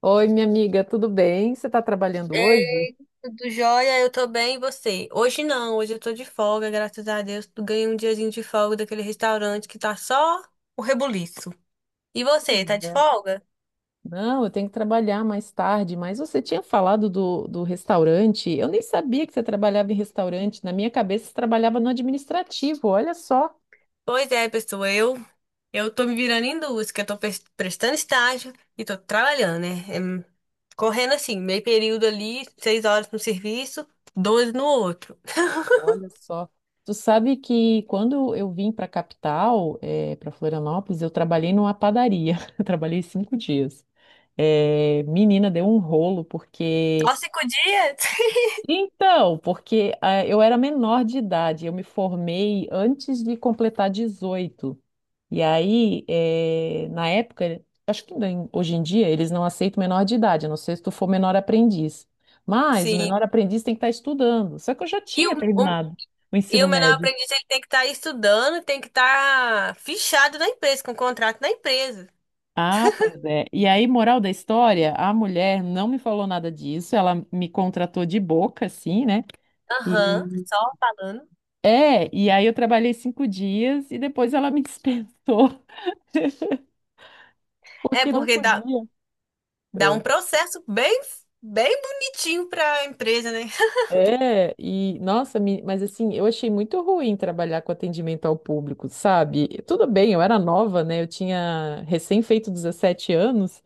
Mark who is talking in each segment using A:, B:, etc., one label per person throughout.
A: Oi, minha amiga, tudo bem? Você está trabalhando
B: É,
A: hoje?
B: Tudo jóia, eu tô bem, e você? Hoje não, hoje eu tô de folga, graças a Deus. Tu ganhei um diazinho de folga daquele restaurante que tá só o rebuliço. E você, tá
A: Sim,
B: de
A: né?
B: folga?
A: Não, eu tenho que trabalhar mais tarde, mas você tinha falado do restaurante. Eu nem sabia que você trabalhava em restaurante. Na minha cabeça, você trabalhava no administrativo. Olha só,
B: Pois é, pessoa, eu tô me virando em duas, que eu tô prestando estágio e tô trabalhando, né? É, hum, correndo assim, meio período ali, 6 horas no serviço, 12 no outro.
A: olha só. Tu sabe que quando eu vim para a capital, para Florianópolis, eu trabalhei numa padaria. Eu trabalhei 5 dias. Menina, deu um rolo, porque.
B: Só 5 dias?
A: Então, porque eu era menor de idade, eu me formei antes de completar 18. E aí, na época, acho que hoje em dia eles não aceitam menor de idade, a não ser se tu for menor aprendiz. Mas o menor
B: Sim.
A: aprendiz tem que estar estudando. Só que eu já
B: E
A: tinha
B: o,
A: terminado o
B: E
A: ensino
B: o menor
A: médio.
B: aprendiz ele tem que estar estudando, tem que estar fichado na empresa, com contrato na empresa.
A: Ah, pois é. E aí, moral da história, a mulher não me falou nada disso, ela me contratou de boca, assim, né?
B: Aham, só falando.
A: É, e aí eu trabalhei 5 dias e depois ela me dispensou,
B: É
A: porque não
B: porque
A: podia.
B: dá um
A: É,
B: processo bem bonitinho para a empresa, né?
A: é, e nossa, mas assim, eu achei muito ruim trabalhar com atendimento ao público, sabe? Tudo bem, eu era nova, né? Eu tinha recém feito 17 anos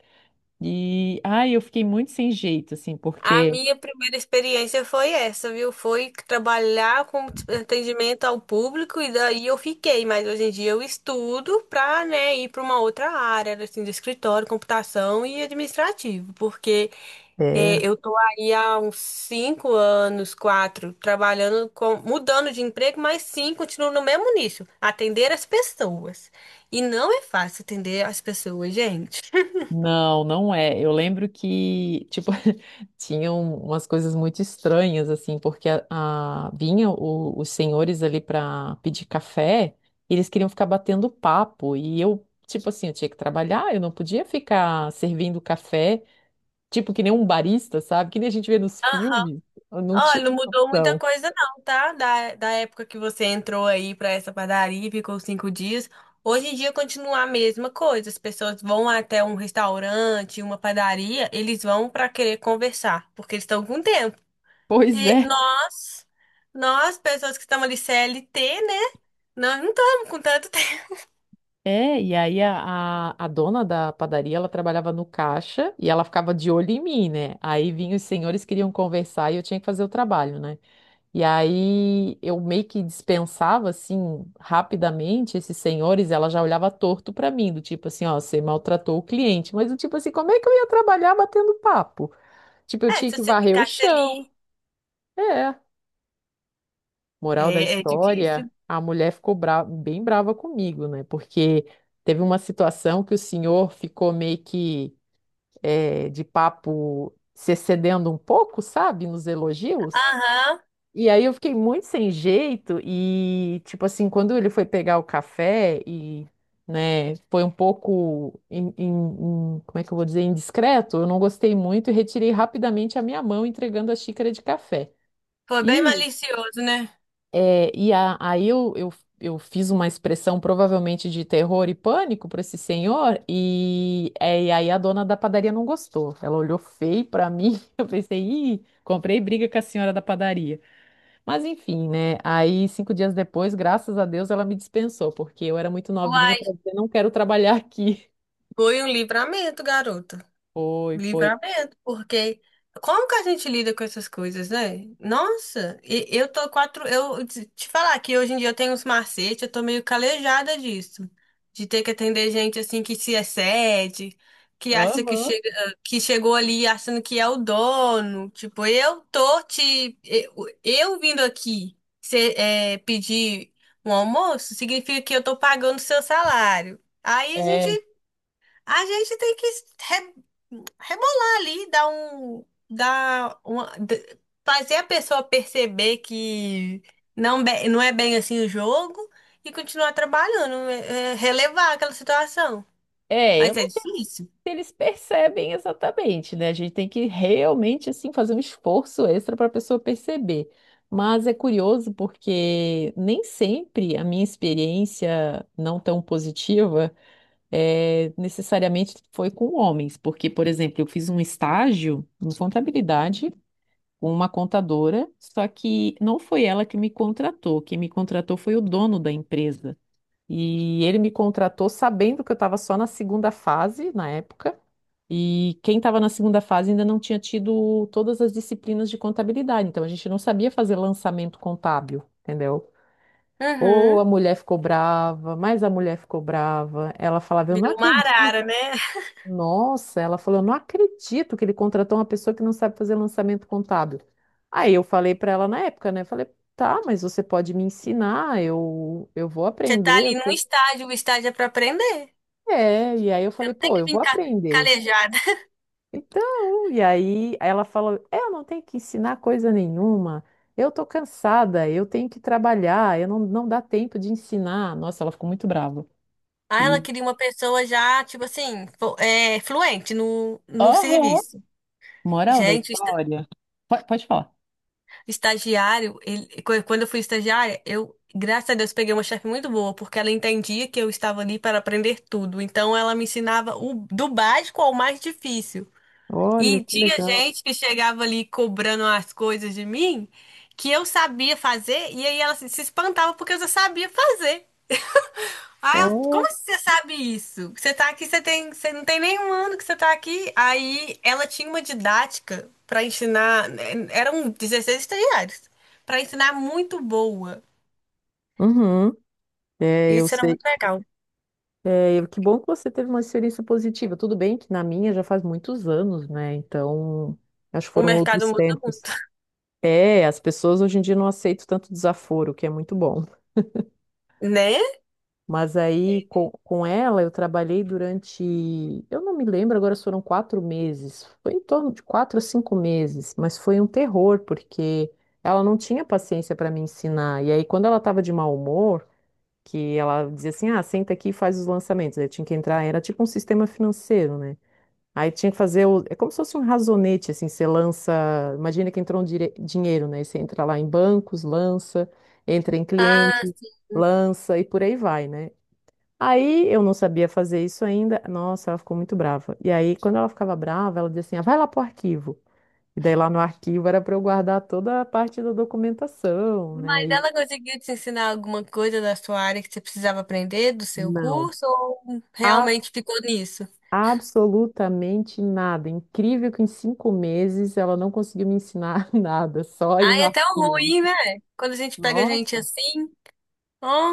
A: e ai, eu fiquei muito sem jeito, assim,
B: A
A: porque.
B: minha primeira experiência foi essa, viu? Foi trabalhar com atendimento ao público e daí eu fiquei, mas hoje em dia eu estudo para, né, ir para uma outra área, assim, de escritório, computação e administrativo, porque
A: É.
B: é, eu tô aí há uns 5 anos, quatro, trabalhando com, mudando de emprego, mas sim, continuo no mesmo nicho, atender as pessoas. E não é fácil atender as pessoas, gente.
A: Não, não é. Eu lembro que, tipo, tinham umas coisas muito estranhas, assim, porque vinha os senhores ali para pedir café, e eles queriam ficar batendo papo, e eu, tipo assim, eu tinha que trabalhar, eu não podia ficar servindo café, tipo, que nem um barista, sabe? Que nem a gente vê nos filmes, eu não
B: Olha,
A: tinha
B: não mudou muita
A: opção.
B: coisa não, tá? Da época que você entrou aí pra essa padaria e ficou 5 dias. Hoje em dia continua a mesma coisa. As pessoas vão até um restaurante, uma padaria, eles vão pra querer conversar, porque eles estão com tempo.
A: Pois
B: E
A: é.
B: nós, pessoas que estamos ali CLT, né? Nós não estamos com tanto tempo.
A: É, e aí a dona da padaria, ela trabalhava no caixa e ela ficava de olho em mim, né? Aí vinham os senhores queriam conversar e eu tinha que fazer o trabalho, né? E aí eu meio que dispensava, assim, rapidamente esses senhores, ela já olhava torto pra mim, do tipo assim, ó, você maltratou o cliente. Mas do tipo assim, como é que eu ia trabalhar batendo papo? Tipo, eu
B: É,
A: tinha
B: se
A: que
B: você
A: varrer o
B: ficasse
A: chão.
B: ali,
A: É. Moral da
B: é
A: história,
B: difícil.
A: a mulher ficou bem brava comigo, né? Porque teve uma situação que o senhor ficou meio que de papo se excedendo um pouco, sabe, nos elogios.
B: Aham,
A: E aí eu fiquei muito sem jeito e, tipo assim, quando ele foi pegar o café e, né, foi um pouco, como é que eu vou dizer, indiscreto, eu não gostei muito e retirei rapidamente a minha mão entregando a xícara de café.
B: foi bem malicioso, né?
A: É, e aí eu fiz uma expressão provavelmente de terror e pânico para esse senhor, e e aí a dona da padaria não gostou. Ela olhou feio para mim. Eu pensei, ih, comprei briga com a senhora da padaria. Mas enfim, né? Aí 5 dias depois, graças a Deus, ela me dispensou, porque eu era muito novinha
B: Uai,
A: para dizer, não quero trabalhar aqui.
B: foi um livramento, garoto.
A: Foi, foi.
B: Livramento, porque como que a gente lida com essas coisas, né? Nossa, eu tô quatro. Eu te falar que hoje em dia eu tenho uns macetes, eu tô meio calejada disso. De ter que atender gente assim que se excede, que acha que
A: Aham.
B: chega, que chegou ali achando que é o dono. Tipo, eu tô te. Eu vindo aqui é, pedir um almoço significa que eu tô pagando seu salário. Aí
A: É,
B: a gente tem que re- rebolar ali, dar um, dar uma, fazer a pessoa perceber que não, não é bem assim o jogo e continuar trabalhando, é relevar aquela situação.
A: é, eu
B: Mas
A: não
B: é difícil.
A: eles percebem exatamente, né? A gente tem que realmente assim fazer um esforço extra para a pessoa perceber. Mas é curioso porque nem sempre a minha experiência não tão positiva necessariamente foi com homens, porque, por exemplo, eu fiz um estágio em contabilidade com uma contadora, só que não foi ela que me contratou, quem me contratou foi o dono da empresa. E ele me contratou sabendo que eu estava só na segunda fase na época. E quem estava na segunda fase ainda não tinha tido todas as disciplinas de contabilidade, então a gente não sabia fazer lançamento contábil, entendeu? Ou
B: Uhum.
A: a mulher ficou brava, mas a mulher ficou brava. Ela falava, eu não
B: Virou uma
A: acredito.
B: arara, né?
A: Nossa, ela falou, eu não acredito que ele contratou uma pessoa que não sabe fazer lançamento contábil. Aí eu falei para ela na época, né? Falei, tá, mas você pode me ensinar, eu vou
B: Você tá
A: aprender.
B: ali num estágio, o estágio é pra aprender.
A: É, e aí eu
B: Você
A: falei,
B: não tem
A: pô,
B: que
A: eu
B: vir
A: vou aprender.
B: calejada.
A: Então, e aí ela falou: eu não tenho que ensinar coisa nenhuma, eu tô cansada, eu tenho que trabalhar, eu não, não dá tempo de ensinar. Nossa, ela ficou muito brava.
B: Ah, ela
A: E,
B: queria uma pessoa já, tipo assim, é, fluente no, no
A: aham,
B: serviço.
A: moral da
B: Gente,
A: história. Pode, pode falar.
B: estagiário, quando eu fui estagiária, eu, graças a Deus, peguei uma chefe muito boa, porque ela entendia que eu estava ali para aprender tudo. Então, ela me ensinava o, do básico ao mais difícil.
A: Olha,
B: E
A: que
B: tinha
A: legal.
B: gente que chegava ali cobrando as coisas de mim que eu sabia fazer, e aí ela se espantava porque eu já sabia fazer. Ah, como
A: Oh.
B: você sabe isso? Você tá aqui, você tem, você não tem nenhum ano que você tá aqui. Aí ela tinha uma didática pra ensinar, né, eram 16 estagiários, pra ensinar muito boa.
A: Uhum. É, eu
B: Isso era
A: sei.
B: muito legal.
A: É, eu- que bom que você teve uma experiência positiva. Tudo bem que na minha já faz muitos anos, né? Então, acho que
B: O
A: foram
B: mercado
A: outros
B: muda
A: tempos.
B: muito,
A: É, as pessoas hoje em dia não aceitam tanto desaforo, o que é muito bom.
B: né?
A: Mas aí com ela eu trabalhei durante, eu não me lembro agora se foram 4 meses, foi em torno de 4 a 5 meses, mas foi um terror, porque ela não tinha paciência para me ensinar. E aí quando ela estava de mau humor, que ela dizia assim, ah, senta aqui e faz os lançamentos, aí eu tinha que entrar, era tipo um sistema financeiro, né? Aí tinha que fazer, o, é como se fosse um razonete, assim, você lança, imagina que entrou um dinheiro, né? Você entra lá em bancos, lança, entra em
B: Ah,
A: cliente, lança e por aí vai, né? Aí eu não sabia fazer isso ainda. Nossa, ela ficou muito brava. E aí, quando ela ficava brava, ela dizia assim: ah, vai lá pro arquivo. E daí lá no arquivo era para eu guardar toda a parte da documentação,
B: mas
A: né? E
B: ela conseguiu te ensinar alguma coisa da sua área que você precisava aprender do seu
A: não,
B: curso ou
A: a-
B: realmente ficou nisso?
A: absolutamente nada. Incrível que em 5 meses ela não conseguiu me ensinar nada, só ir
B: Ah,
A: no
B: é tão
A: arquivo.
B: ruim, né? Quando a gente pega gente
A: Nossa.
B: assim,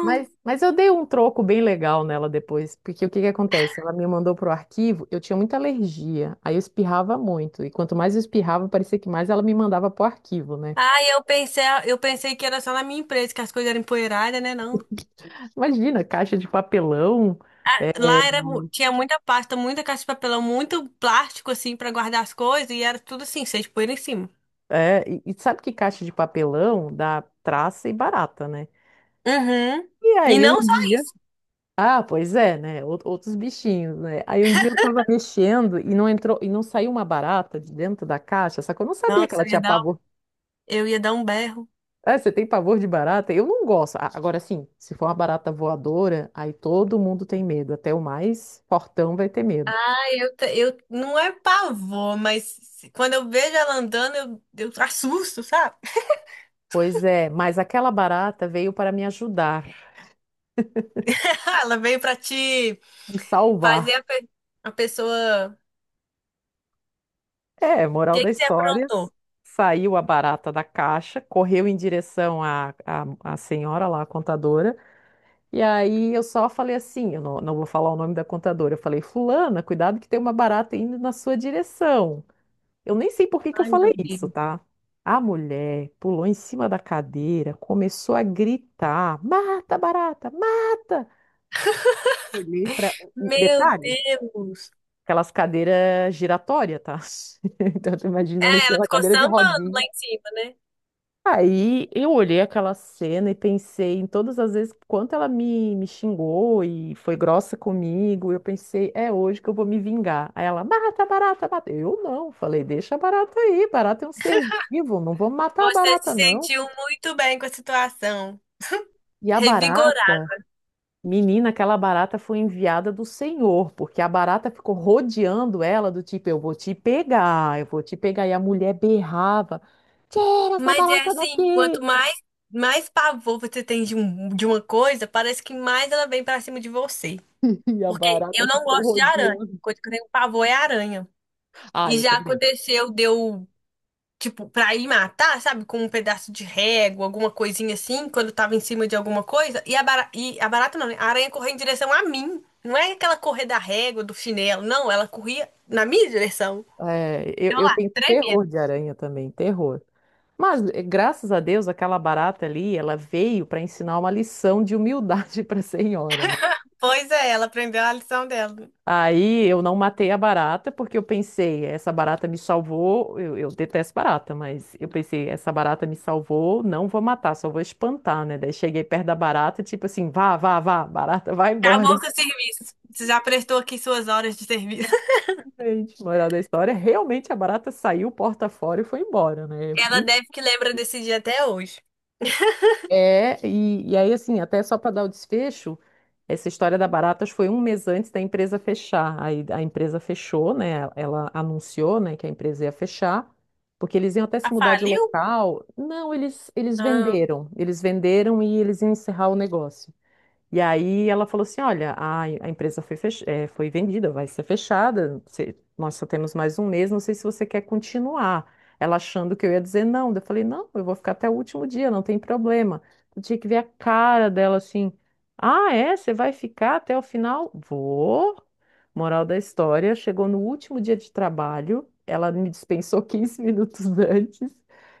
A: Mas, mas eu dei um troco bem legal nela depois, porque o que que acontece? Ela me mandou pro arquivo, eu tinha muita alergia, aí eu espirrava muito, e quanto mais eu espirrava, parecia que mais ela me mandava pro arquivo, né?
B: Ah, eu pensei que era só na minha empresa que as coisas eram empoeiradas, né? Não.
A: Imagina, caixa de papelão,
B: Lá era, tinha muita pasta, muita caixa de papelão, muito plástico, assim, pra guardar as coisas, e era tudo assim, cheio de poeira em cima.
A: e sabe que caixa de papelão dá traça e barata, né?
B: Uhum.
A: E
B: E
A: aí um
B: não só
A: dia,
B: isso.
A: ah, pois é, né? Outros bichinhos, né? Aí um dia eu tava mexendo e não entrou, e não saiu uma barata de dentro da caixa, só que eu não sabia que
B: Nossa,
A: ela tinha pavor.
B: eu ia dar um berro.
A: Ah, você tem pavor de barata? Eu não gosto. Agora, sim, se for uma barata voadora, aí todo mundo tem medo. Até o mais fortão vai ter medo.
B: Ah, eu não é pavor, mas quando eu vejo ela andando, eu assusto, sabe?
A: Pois é, mas aquela barata veio para me ajudar,
B: Ela veio pra te
A: me salvar.
B: fazer a pessoa.
A: É,
B: O
A: moral
B: que
A: da
B: que você
A: história.
B: aprontou?
A: Saiu a barata da caixa, correu em direção à senhora lá, a contadora. E aí eu só falei assim: eu não, não vou falar o nome da contadora. Eu falei, Fulana, cuidado que tem uma barata indo na sua direção. Eu nem sei por que que eu falei isso, tá? A mulher pulou em cima da cadeira, começou a gritar: mata, barata, mata! Olhei para.
B: Meu
A: Detalhe,
B: Deus!
A: aquelas cadeiras giratórias, tá? Então, tu imagina ela em
B: É,
A: cima
B: ela
A: da
B: ficou
A: cadeira de
B: sambando
A: rodinha.
B: lá em cima, né?
A: Aí eu olhei aquela cena e pensei em todas as vezes quanto ela me xingou e foi grossa comigo. Eu pensei, é hoje que eu vou me vingar. Aí ela, barata, barata, barata. Eu não, falei, deixa a barata aí, barata é um ser vivo, não vou matar a
B: Você se
A: barata, não.
B: sentiu muito bem com a situação,
A: E a
B: revigorado.
A: barata, menina, aquela barata foi enviada do Senhor, porque a barata ficou rodeando ela, do tipo, eu vou te pegar, eu vou te pegar. E a mulher berrava, tira essa
B: Mas é
A: barata
B: assim,
A: daqui!
B: quanto mais mais pavor você tem de, um, de uma coisa, parece que mais ela vem pra cima de você.
A: E a
B: Porque
A: barata
B: eu não
A: ficou
B: gosto de aranha.
A: rodeando.
B: A coisa que eu tenho pavor é aranha.
A: Ah,
B: E
A: eu
B: já
A: também.
B: aconteceu, deu tipo, pra ir matar, sabe? Com um pedaço de régua, alguma coisinha assim, quando tava em cima de alguma coisa. E a barata não, né? A aranha correu em direção a mim. Não é aquela correr da régua, do chinelo, não. Ela corria na minha direção.
A: É, eu,
B: Eu
A: eu
B: lá,
A: tenho
B: tremendo.
A: terror de aranha também, terror. Mas graças a Deus, aquela barata ali, ela veio para ensinar uma lição de humildade para a senhora, né?
B: Pois é, ela aprendeu a lição dela.
A: Aí eu não matei a barata porque eu pensei, essa barata me salvou. Eu detesto barata, mas eu pensei, essa barata me salvou, não vou matar, só vou espantar, né? Daí cheguei perto da barata, tipo assim, vá, vá, vá, barata, vai embora.
B: Acabou seu serviço. Você já prestou aqui suas horas de serviço.
A: Gente, moral da história, realmente a barata saiu porta fora e foi embora, né?
B: Ela deve que lembra desse dia até hoje.
A: É, e aí, assim, até só para dar o desfecho, essa história da Baratas foi um mês antes da empresa fechar. Aí a empresa fechou, né? Ela anunciou, né, que a empresa ia fechar, porque eles iam até se
B: Ah,
A: mudar de
B: faliu?
A: local. Não, eles
B: Ah,
A: venderam. Eles venderam e eles iam encerrar o negócio. E aí ela falou assim, olha, a empresa foi, foi vendida, vai ser fechada, você- nós só temos mais um mês, não sei se você quer continuar. Ela achando que eu ia dizer não, daí eu falei, não, eu vou ficar até o último dia, não tem problema. Eu tinha que ver a cara dela assim, ah, é? Você vai ficar até o final? Vou. Moral da história, chegou no último dia de trabalho, ela me dispensou 15 minutos antes,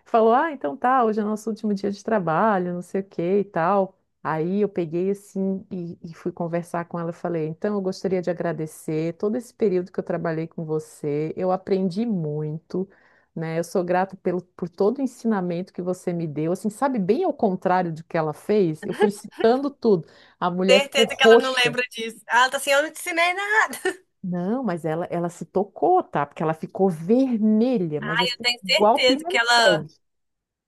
A: falou, ah, então tá, hoje é nosso último dia de trabalho, não sei o que e tal. Aí eu peguei assim e fui conversar com ela. Eu falei, então eu gostaria de agradecer todo esse período que eu trabalhei com você. Eu aprendi muito, né? Eu sou grato pelo, por todo o ensinamento que você me deu. Assim, sabe, bem ao contrário do que ela fez, eu fui citando tudo. A mulher ficou
B: certeza que ela não
A: roxa.
B: lembra disso. Ela tá assim, eu não te ensinei nada.
A: Não, mas ela se tocou, tá? Porque ela ficou vermelha, mas
B: Eu
A: assim,
B: tenho
A: igual
B: certeza que ela
A: pimentão.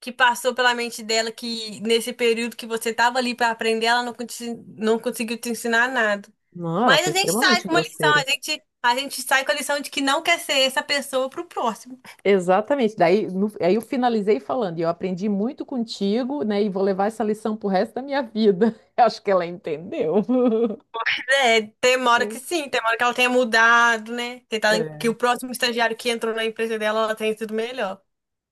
B: que passou pela mente dela que nesse período que você estava ali para aprender, ela não, conti- não conseguiu te ensinar nada.
A: Não, ela
B: Mas
A: foi
B: a gente sai
A: extremamente
B: com uma lição,
A: grosseira.
B: a gente sai com a lição de que não quer ser essa pessoa pro próximo.
A: Exatamente. Daí, aí eu finalizei falando, e eu aprendi muito contigo, né? E vou levar essa lição pro resto da minha vida. Eu acho que ela entendeu.
B: É, tem uma hora que sim, tem uma hora que ela tenha mudado, né? Tem que o
A: É.
B: próximo estagiário que entrou na empresa dela, ela tenha sido melhor.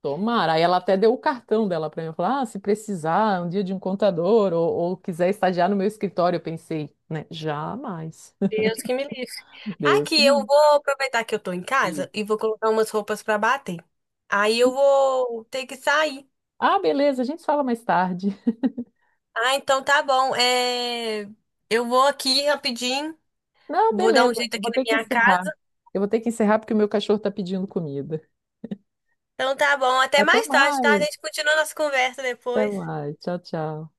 A: Tomara. Aí ela até deu o cartão dela para mim. Falou: ah, se precisar um dia de um contador ou quiser estagiar no meu escritório, eu pensei, né? Jamais.
B: Deus que me livre.
A: Deus
B: Aqui,
A: que
B: eu
A: me
B: vou aproveitar que eu tô em
A: livre.
B: casa e vou colocar umas roupas para bater. Aí eu vou ter que sair.
A: Ah, beleza, a gente fala mais tarde.
B: Ah, então tá bom. É, eu vou aqui rapidinho,
A: Não,
B: vou dar um
A: beleza,
B: jeito
A: eu
B: aqui
A: vou
B: na
A: ter que
B: minha
A: encerrar.
B: casa.
A: Eu vou ter que encerrar porque o meu cachorro tá pedindo comida.
B: Então tá bom, até
A: Até
B: mais tarde, tá? A
A: mais,
B: gente continua nossa conversa
A: até
B: depois.
A: mais. Tchau, tchau.